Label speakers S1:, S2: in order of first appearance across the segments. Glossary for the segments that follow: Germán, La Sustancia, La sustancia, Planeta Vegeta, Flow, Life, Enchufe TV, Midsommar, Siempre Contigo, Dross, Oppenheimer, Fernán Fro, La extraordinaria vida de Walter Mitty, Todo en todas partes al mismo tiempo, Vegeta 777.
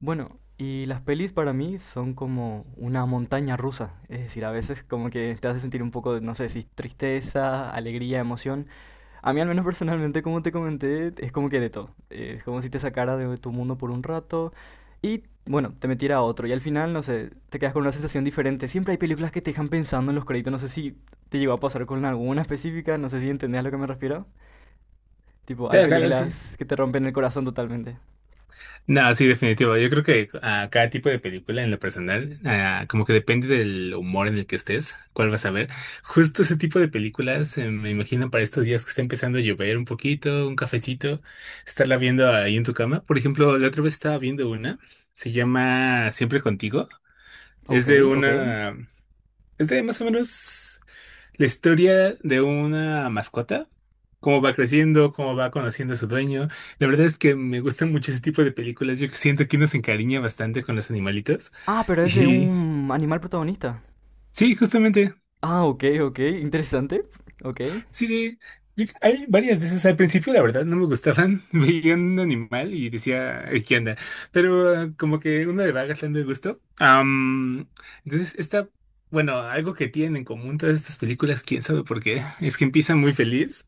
S1: Bueno, y las pelis para mí son como una montaña rusa, es decir, a veces como que te hace sentir un poco, no sé si tristeza, alegría, emoción. A mí al menos personalmente, como te comenté, es como que de todo. Es como si te sacara de tu mundo por un rato y, bueno, te metiera a otro y al final, no sé, te quedas con una sensación diferente. Siempre hay películas que te dejan pensando en los créditos, no sé si te llegó a pasar con alguna específica, no sé si entendés a lo que me refiero. Tipo, hay
S2: Claro, claro, sí.
S1: películas que te rompen el corazón totalmente.
S2: No, sí, definitivo. Yo creo que a cada tipo de película en lo personal, como que depende del humor en el que estés, cuál vas a ver. Justo ese tipo de películas, me imagino para estos días que está empezando a llover un poquito, un cafecito, estarla viendo ahí en tu cama. Por ejemplo, la otra vez estaba viendo una, se llama Siempre Contigo. Es
S1: Ok,
S2: de
S1: ok.
S2: una, es de más o menos la historia de una mascota, cómo va creciendo, cómo va conociendo a su dueño. La verdad es que me gusta mucho ese tipo de películas. Yo siento que uno se encariña bastante con los animalitos.
S1: Ah, pero es de
S2: Y
S1: un animal protagonista.
S2: sí, justamente,
S1: Ah, ok, ok, interesante. Ok.
S2: sí, sí. Hay varias de esas. Al principio, la verdad, no me gustaban. Veía un animal y decía, "Ay, ¿qué onda? Pero como que uno le va agarrando el gusto. Entonces, esta, bueno, algo que tienen en común todas estas películas, quién sabe por qué, es que empiezan muy feliz.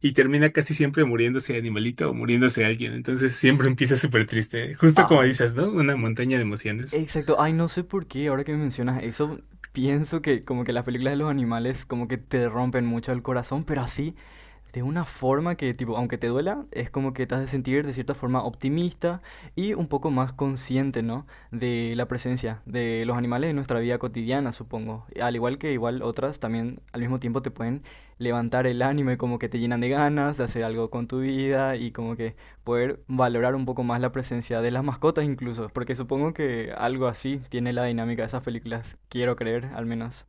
S2: Y termina casi siempre muriéndose animalito o muriéndose alguien. Entonces siempre empieza súper triste. Justo como
S1: Ay,
S2: dices, ¿no? Una montaña de emociones.
S1: exacto. Ay, no sé por qué, ahora que me mencionas eso, pienso que como que las películas de los animales como que te rompen mucho el corazón, pero así, de una forma que, tipo, aunque te duela, es como que te has de sentir de cierta forma optimista y un poco más consciente, ¿no? De la presencia de los animales en nuestra vida cotidiana, supongo. Al igual que igual otras, también al mismo tiempo te pueden levantar el ánimo y como que te llenan de ganas de hacer algo con tu vida y como que poder valorar un poco más la presencia de las mascotas incluso, porque supongo que algo así tiene la dinámica de esas películas, quiero creer al menos.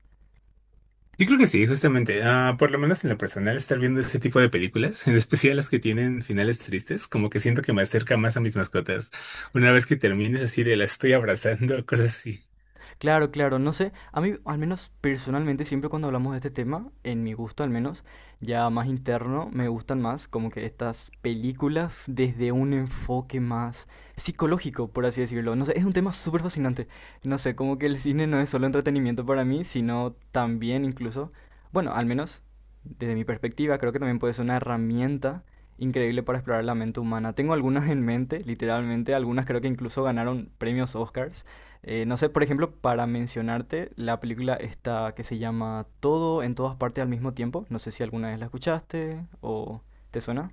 S2: Yo creo que sí, justamente. Por lo menos en lo personal, estar viendo ese tipo de películas, en especial las que tienen finales tristes, como que siento que me acerca más a mis mascotas. Una vez que termines así de las estoy abrazando, cosas así.
S1: Claro, claro, no sé, a mí al menos personalmente siempre cuando hablamos de este tema, en mi gusto al menos, ya más interno, me gustan más como que estas películas desde un enfoque más psicológico, por así decirlo. No sé, es un tema súper fascinante. No sé, como que el cine no es solo entretenimiento para mí, sino también incluso, bueno, al menos desde mi perspectiva, creo que también puede ser una herramienta increíble para explorar la mente humana. Tengo algunas en mente, literalmente, algunas creo que incluso ganaron premios Oscars, no sé, por ejemplo, para mencionarte, la película está que se llama Todo en todas partes al mismo tiempo. No sé si alguna vez la escuchaste o te suena.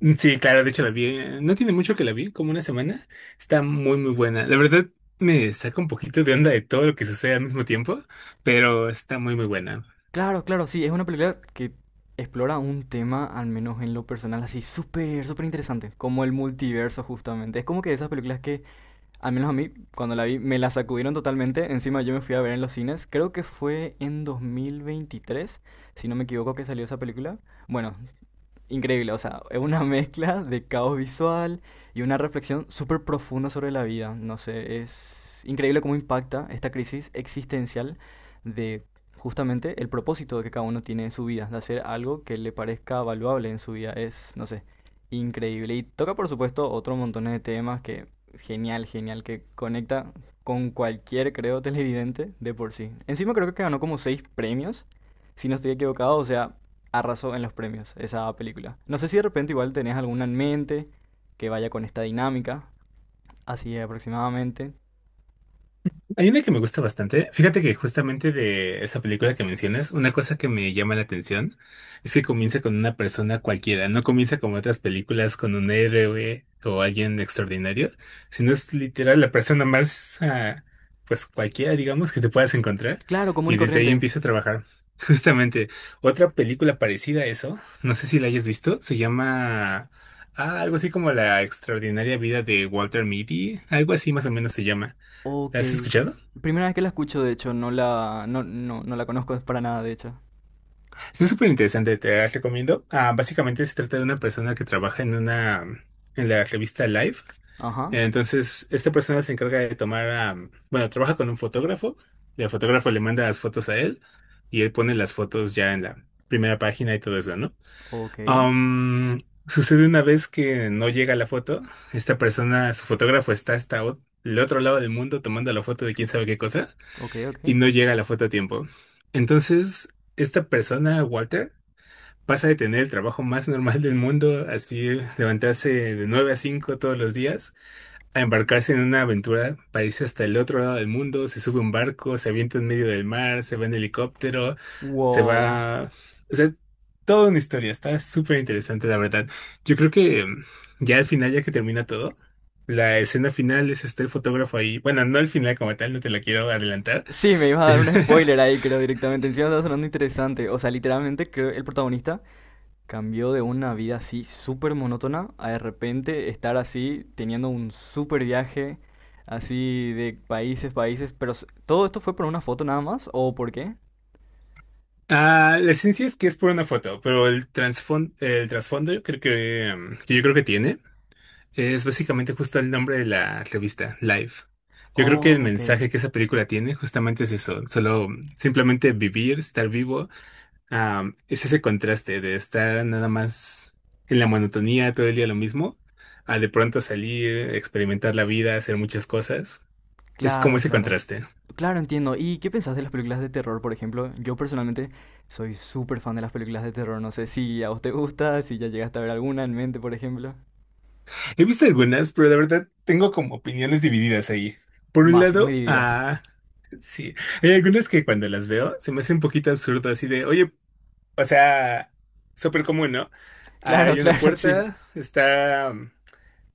S2: Mm, sí, claro, de hecho la vi, no tiene mucho que la vi, como una semana, está muy buena. La verdad me saca un poquito de onda de todo lo que sucede al mismo tiempo, pero está muy buena.
S1: Claro, claro, sí, es una película que explora un tema, al menos en lo personal, así súper, súper interesante, como el multiverso justamente. Es como que esas películas que, al menos a mí, cuando la vi, me la sacudieron totalmente. Encima yo me fui a ver en los cines, creo que fue en 2023 si no me equivoco, que salió esa película. Bueno, increíble, o sea, es una mezcla de caos visual y una reflexión súper profunda sobre la vida. No sé, es increíble cómo impacta esta crisis existencial de justamente el propósito que cada uno tiene en su vida, de hacer algo que le parezca valuable en su vida. Es, no sé, increíble. Y toca, por supuesto, otro montón de temas que genial, genial, que conecta con cualquier, creo, televidente de por sí. Encima creo que ganó como seis premios, si no estoy equivocado, o sea, arrasó en los premios esa película. No sé si de repente igual tenés alguna en mente que vaya con esta dinámica, así aproximadamente.
S2: Hay una que me gusta bastante. Fíjate que justamente de esa película que mencionas, una cosa que me llama la atención es que comienza con una persona cualquiera, no comienza como otras películas con un héroe o alguien extraordinario, sino es literal la persona más, pues cualquiera, digamos, que te puedas encontrar,
S1: Claro, común
S2: y
S1: y
S2: desde ahí
S1: corriente.
S2: empieza a trabajar. Justamente, otra película parecida a eso, no sé si la hayas visto, se llama algo así como La Extraordinaria Vida de Walter Mitty, algo así más o menos se llama.
S1: Ok.
S2: ¿La has escuchado?
S1: Primera vez que la escucho, de hecho, no la, no, no, no la conozco para nada, de hecho.
S2: Es súper interesante, te las recomiendo. Básicamente se trata de una persona que trabaja en una, en la revista Life.
S1: Ajá.
S2: Entonces, esta persona se encarga de tomar, bueno, trabaja con un fotógrafo. El fotógrafo le manda las fotos a él y él pone las fotos ya en la primera página y todo eso, ¿no?
S1: Ok.
S2: Sucede una vez que no llega la foto. Esta persona, su fotógrafo está hasta el otro lado del mundo tomando la foto de quién sabe qué cosa,
S1: Ok, ok.
S2: y no llega la foto a tiempo. Entonces, esta persona, Walter, pasa de tener el trabajo más normal del mundo, así levantarse de 9 a 5 todos los días, a embarcarse en una aventura para irse hasta el otro lado del mundo, se sube a un barco, se avienta en medio del mar, se va en helicóptero, se
S1: Wow.
S2: va... O sea, toda una historia, está súper interesante, la verdad. Yo creo que ya al final, ya que termina todo, la escena final es este el fotógrafo ahí. Bueno, no al final como tal, no te la quiero adelantar,
S1: Sí, me ibas a dar
S2: pero
S1: un spoiler ahí, creo, directamente. Encima está sonando interesante. O sea, literalmente creo el protagonista cambió de una vida así súper monótona a de repente estar así teniendo un súper viaje así de países, países, pero ¿todo esto fue por una foto nada más o por qué?
S2: La esencia es que es por una foto, pero el trasfondo yo creo que tiene, es básicamente justo el nombre de la revista, Life. Yo creo que el
S1: Oh, ok,
S2: mensaje que esa película tiene justamente es eso, solo simplemente vivir, estar vivo, es ese contraste de estar nada más en la monotonía todo el día lo mismo, a de pronto salir, experimentar la vida, hacer muchas cosas. Es como
S1: claro,
S2: ese
S1: claro.
S2: contraste.
S1: Claro, entiendo. ¿Y qué pensás de las películas de terror, por ejemplo? Yo personalmente soy súper fan de las películas de terror. No sé si a vos te gusta, si ya llegaste a ver alguna en mente, por ejemplo.
S2: He visto algunas, pero de verdad tengo como opiniones divididas ahí. Por
S1: No,
S2: un
S1: así, muy
S2: lado,
S1: divididas.
S2: sí, hay algunas que cuando las veo se me hace un poquito absurdo, así de, oye, o sea, súper común, ¿no?
S1: Claro,
S2: Hay una
S1: claro, sí.
S2: puerta, está,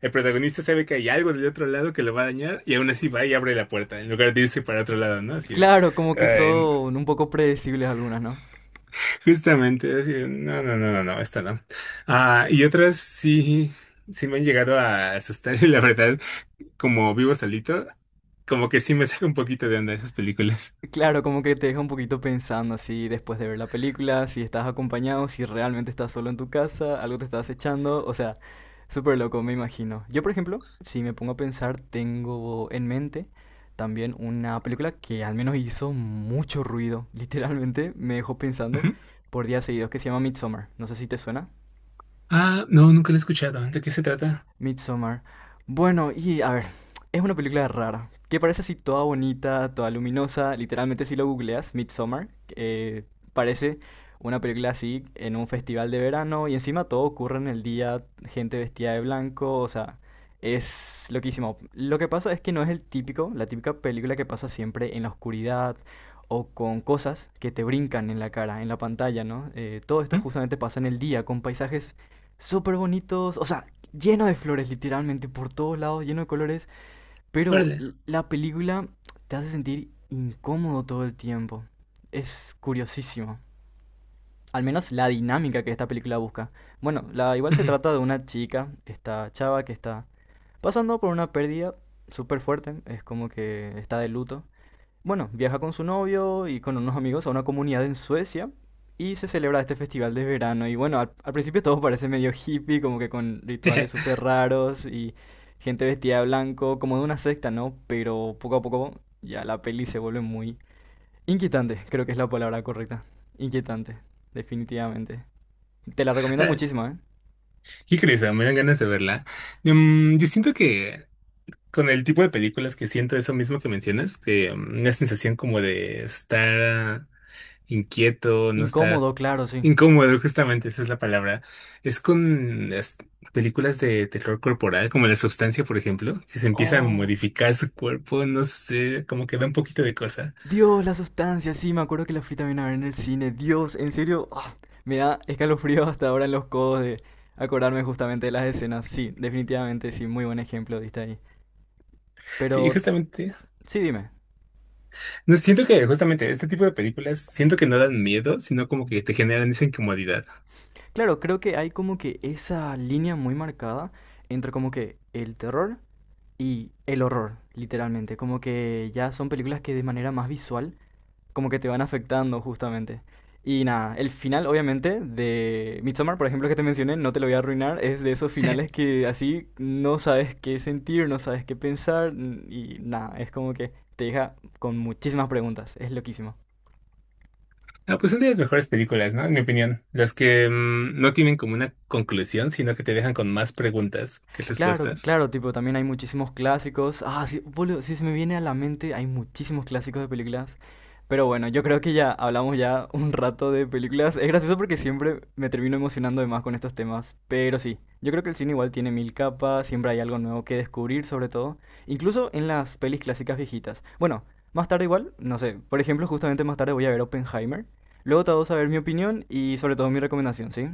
S2: el protagonista sabe que hay algo del otro lado que lo va a dañar y aún así va y abre la puerta en lugar de irse para otro lado, ¿no? Así, de,
S1: Claro, como que
S2: ay, no.
S1: son un poco predecibles algunas, ¿no?
S2: Justamente, así, de, no, no, no, no, no, esta no. Y otras sí, sí me han llegado a asustar, y la verdad, como vivo solito, como que sí me saca un poquito de onda esas películas.
S1: Claro, como que te deja un poquito pensando así después de ver la película, si estás acompañado, si realmente estás solo en tu casa, algo te está acechando, o sea, súper loco, me imagino. Yo, por ejemplo, si me pongo a pensar, tengo en mente también una película que al menos hizo mucho ruido, literalmente me dejó pensando
S2: Ujú.
S1: por días seguidos, que se llama Midsommar. No sé si te suena.
S2: Ah, no, nunca lo he escuchado. ¿De qué se trata?
S1: Midsommar. Bueno, y a ver, es una película rara, que parece así toda bonita, toda luminosa, literalmente si lo googleas, Midsommar, eh, parece una película así en un festival de verano y encima todo ocurre en el día, gente vestida de blanco, o sea, es loquísimo. Lo que pasa es que no es el típico, la típica película que pasa siempre en la oscuridad o con cosas que te brincan en la cara, en la pantalla, ¿no? Todo esto
S2: ¿Mm?
S1: justamente pasa en el día, con paisajes súper bonitos, o sea, lleno de flores, literalmente, por todos lados, lleno de colores, pero
S2: Órale.
S1: la película te hace sentir incómodo todo el tiempo. Es curiosísimo. Al menos la dinámica que esta película busca. Bueno, igual se
S2: Ujú.
S1: trata de una chica, esta chava que está pasando por una pérdida súper fuerte, es como que está de luto, bueno, viaja con su novio y con unos amigos a una comunidad en Suecia y se celebra este festival de verano. Y bueno, al principio todo parece medio hippie, como que con rituales súper raros y gente vestida de blanco, como de una secta, ¿no? Pero poco a poco ya la peli se vuelve muy inquietante, creo que es la palabra correcta. Inquietante, definitivamente. Te la recomiendo
S2: Órale.
S1: muchísimo, ¿eh?
S2: Qué curioso, me dan ganas de verla. Mm, yo siento que con el tipo de películas que siento eso mismo que mencionas, que una sensación como de estar inquieto, no estar.
S1: Incómodo, claro, sí.
S2: Incómodo, justamente, esa es la palabra. Es con las películas de terror corporal, como La Sustancia, por ejemplo, que se empieza a
S1: Oh,
S2: modificar su cuerpo, no sé, como que da un poquito de cosa.
S1: Dios, la sustancia, sí, me acuerdo que la fui también a ver en el cine. Dios, en serio, me da escalofrío hasta ahora en los codos de acordarme justamente de las escenas. Sí, definitivamente, sí, muy buen ejemplo diste ahí.
S2: Sí,
S1: Pero,
S2: justamente.
S1: sí, dime.
S2: No siento que justamente este tipo de películas, siento que no dan miedo, sino como que te generan esa incomodidad.
S1: Claro, creo que hay como que esa línea muy marcada entre como que el terror y el horror, literalmente. Como que ya son películas que de manera más visual como que te van afectando justamente. Y nada, el final obviamente de Midsommar, por ejemplo, que te mencioné, no te lo voy a arruinar, es de esos finales que así no sabes qué sentir, no sabes qué pensar y nada, es como que te deja con muchísimas preguntas, es loquísimo.
S2: Ah, pues son de las mejores películas, ¿no? En mi opinión. Las que no tienen como una conclusión, sino que te dejan con más preguntas que
S1: Claro,
S2: respuestas.
S1: claro, tipo, también hay muchísimos clásicos. Ah, sí, boludo, sí se me viene a la mente, hay muchísimos clásicos de películas. Pero bueno, yo creo que ya hablamos ya un rato de películas. Es gracioso porque siempre me termino emocionando de más con estos temas. Pero sí, yo creo que el cine igual tiene mil capas, siempre hay algo nuevo que descubrir, sobre todo. Incluso en las pelis clásicas viejitas. Bueno, más tarde igual, no sé. Por ejemplo, justamente más tarde voy a ver Oppenheimer. Luego te vamos a ver mi opinión y sobre todo mi recomendación, ¿sí?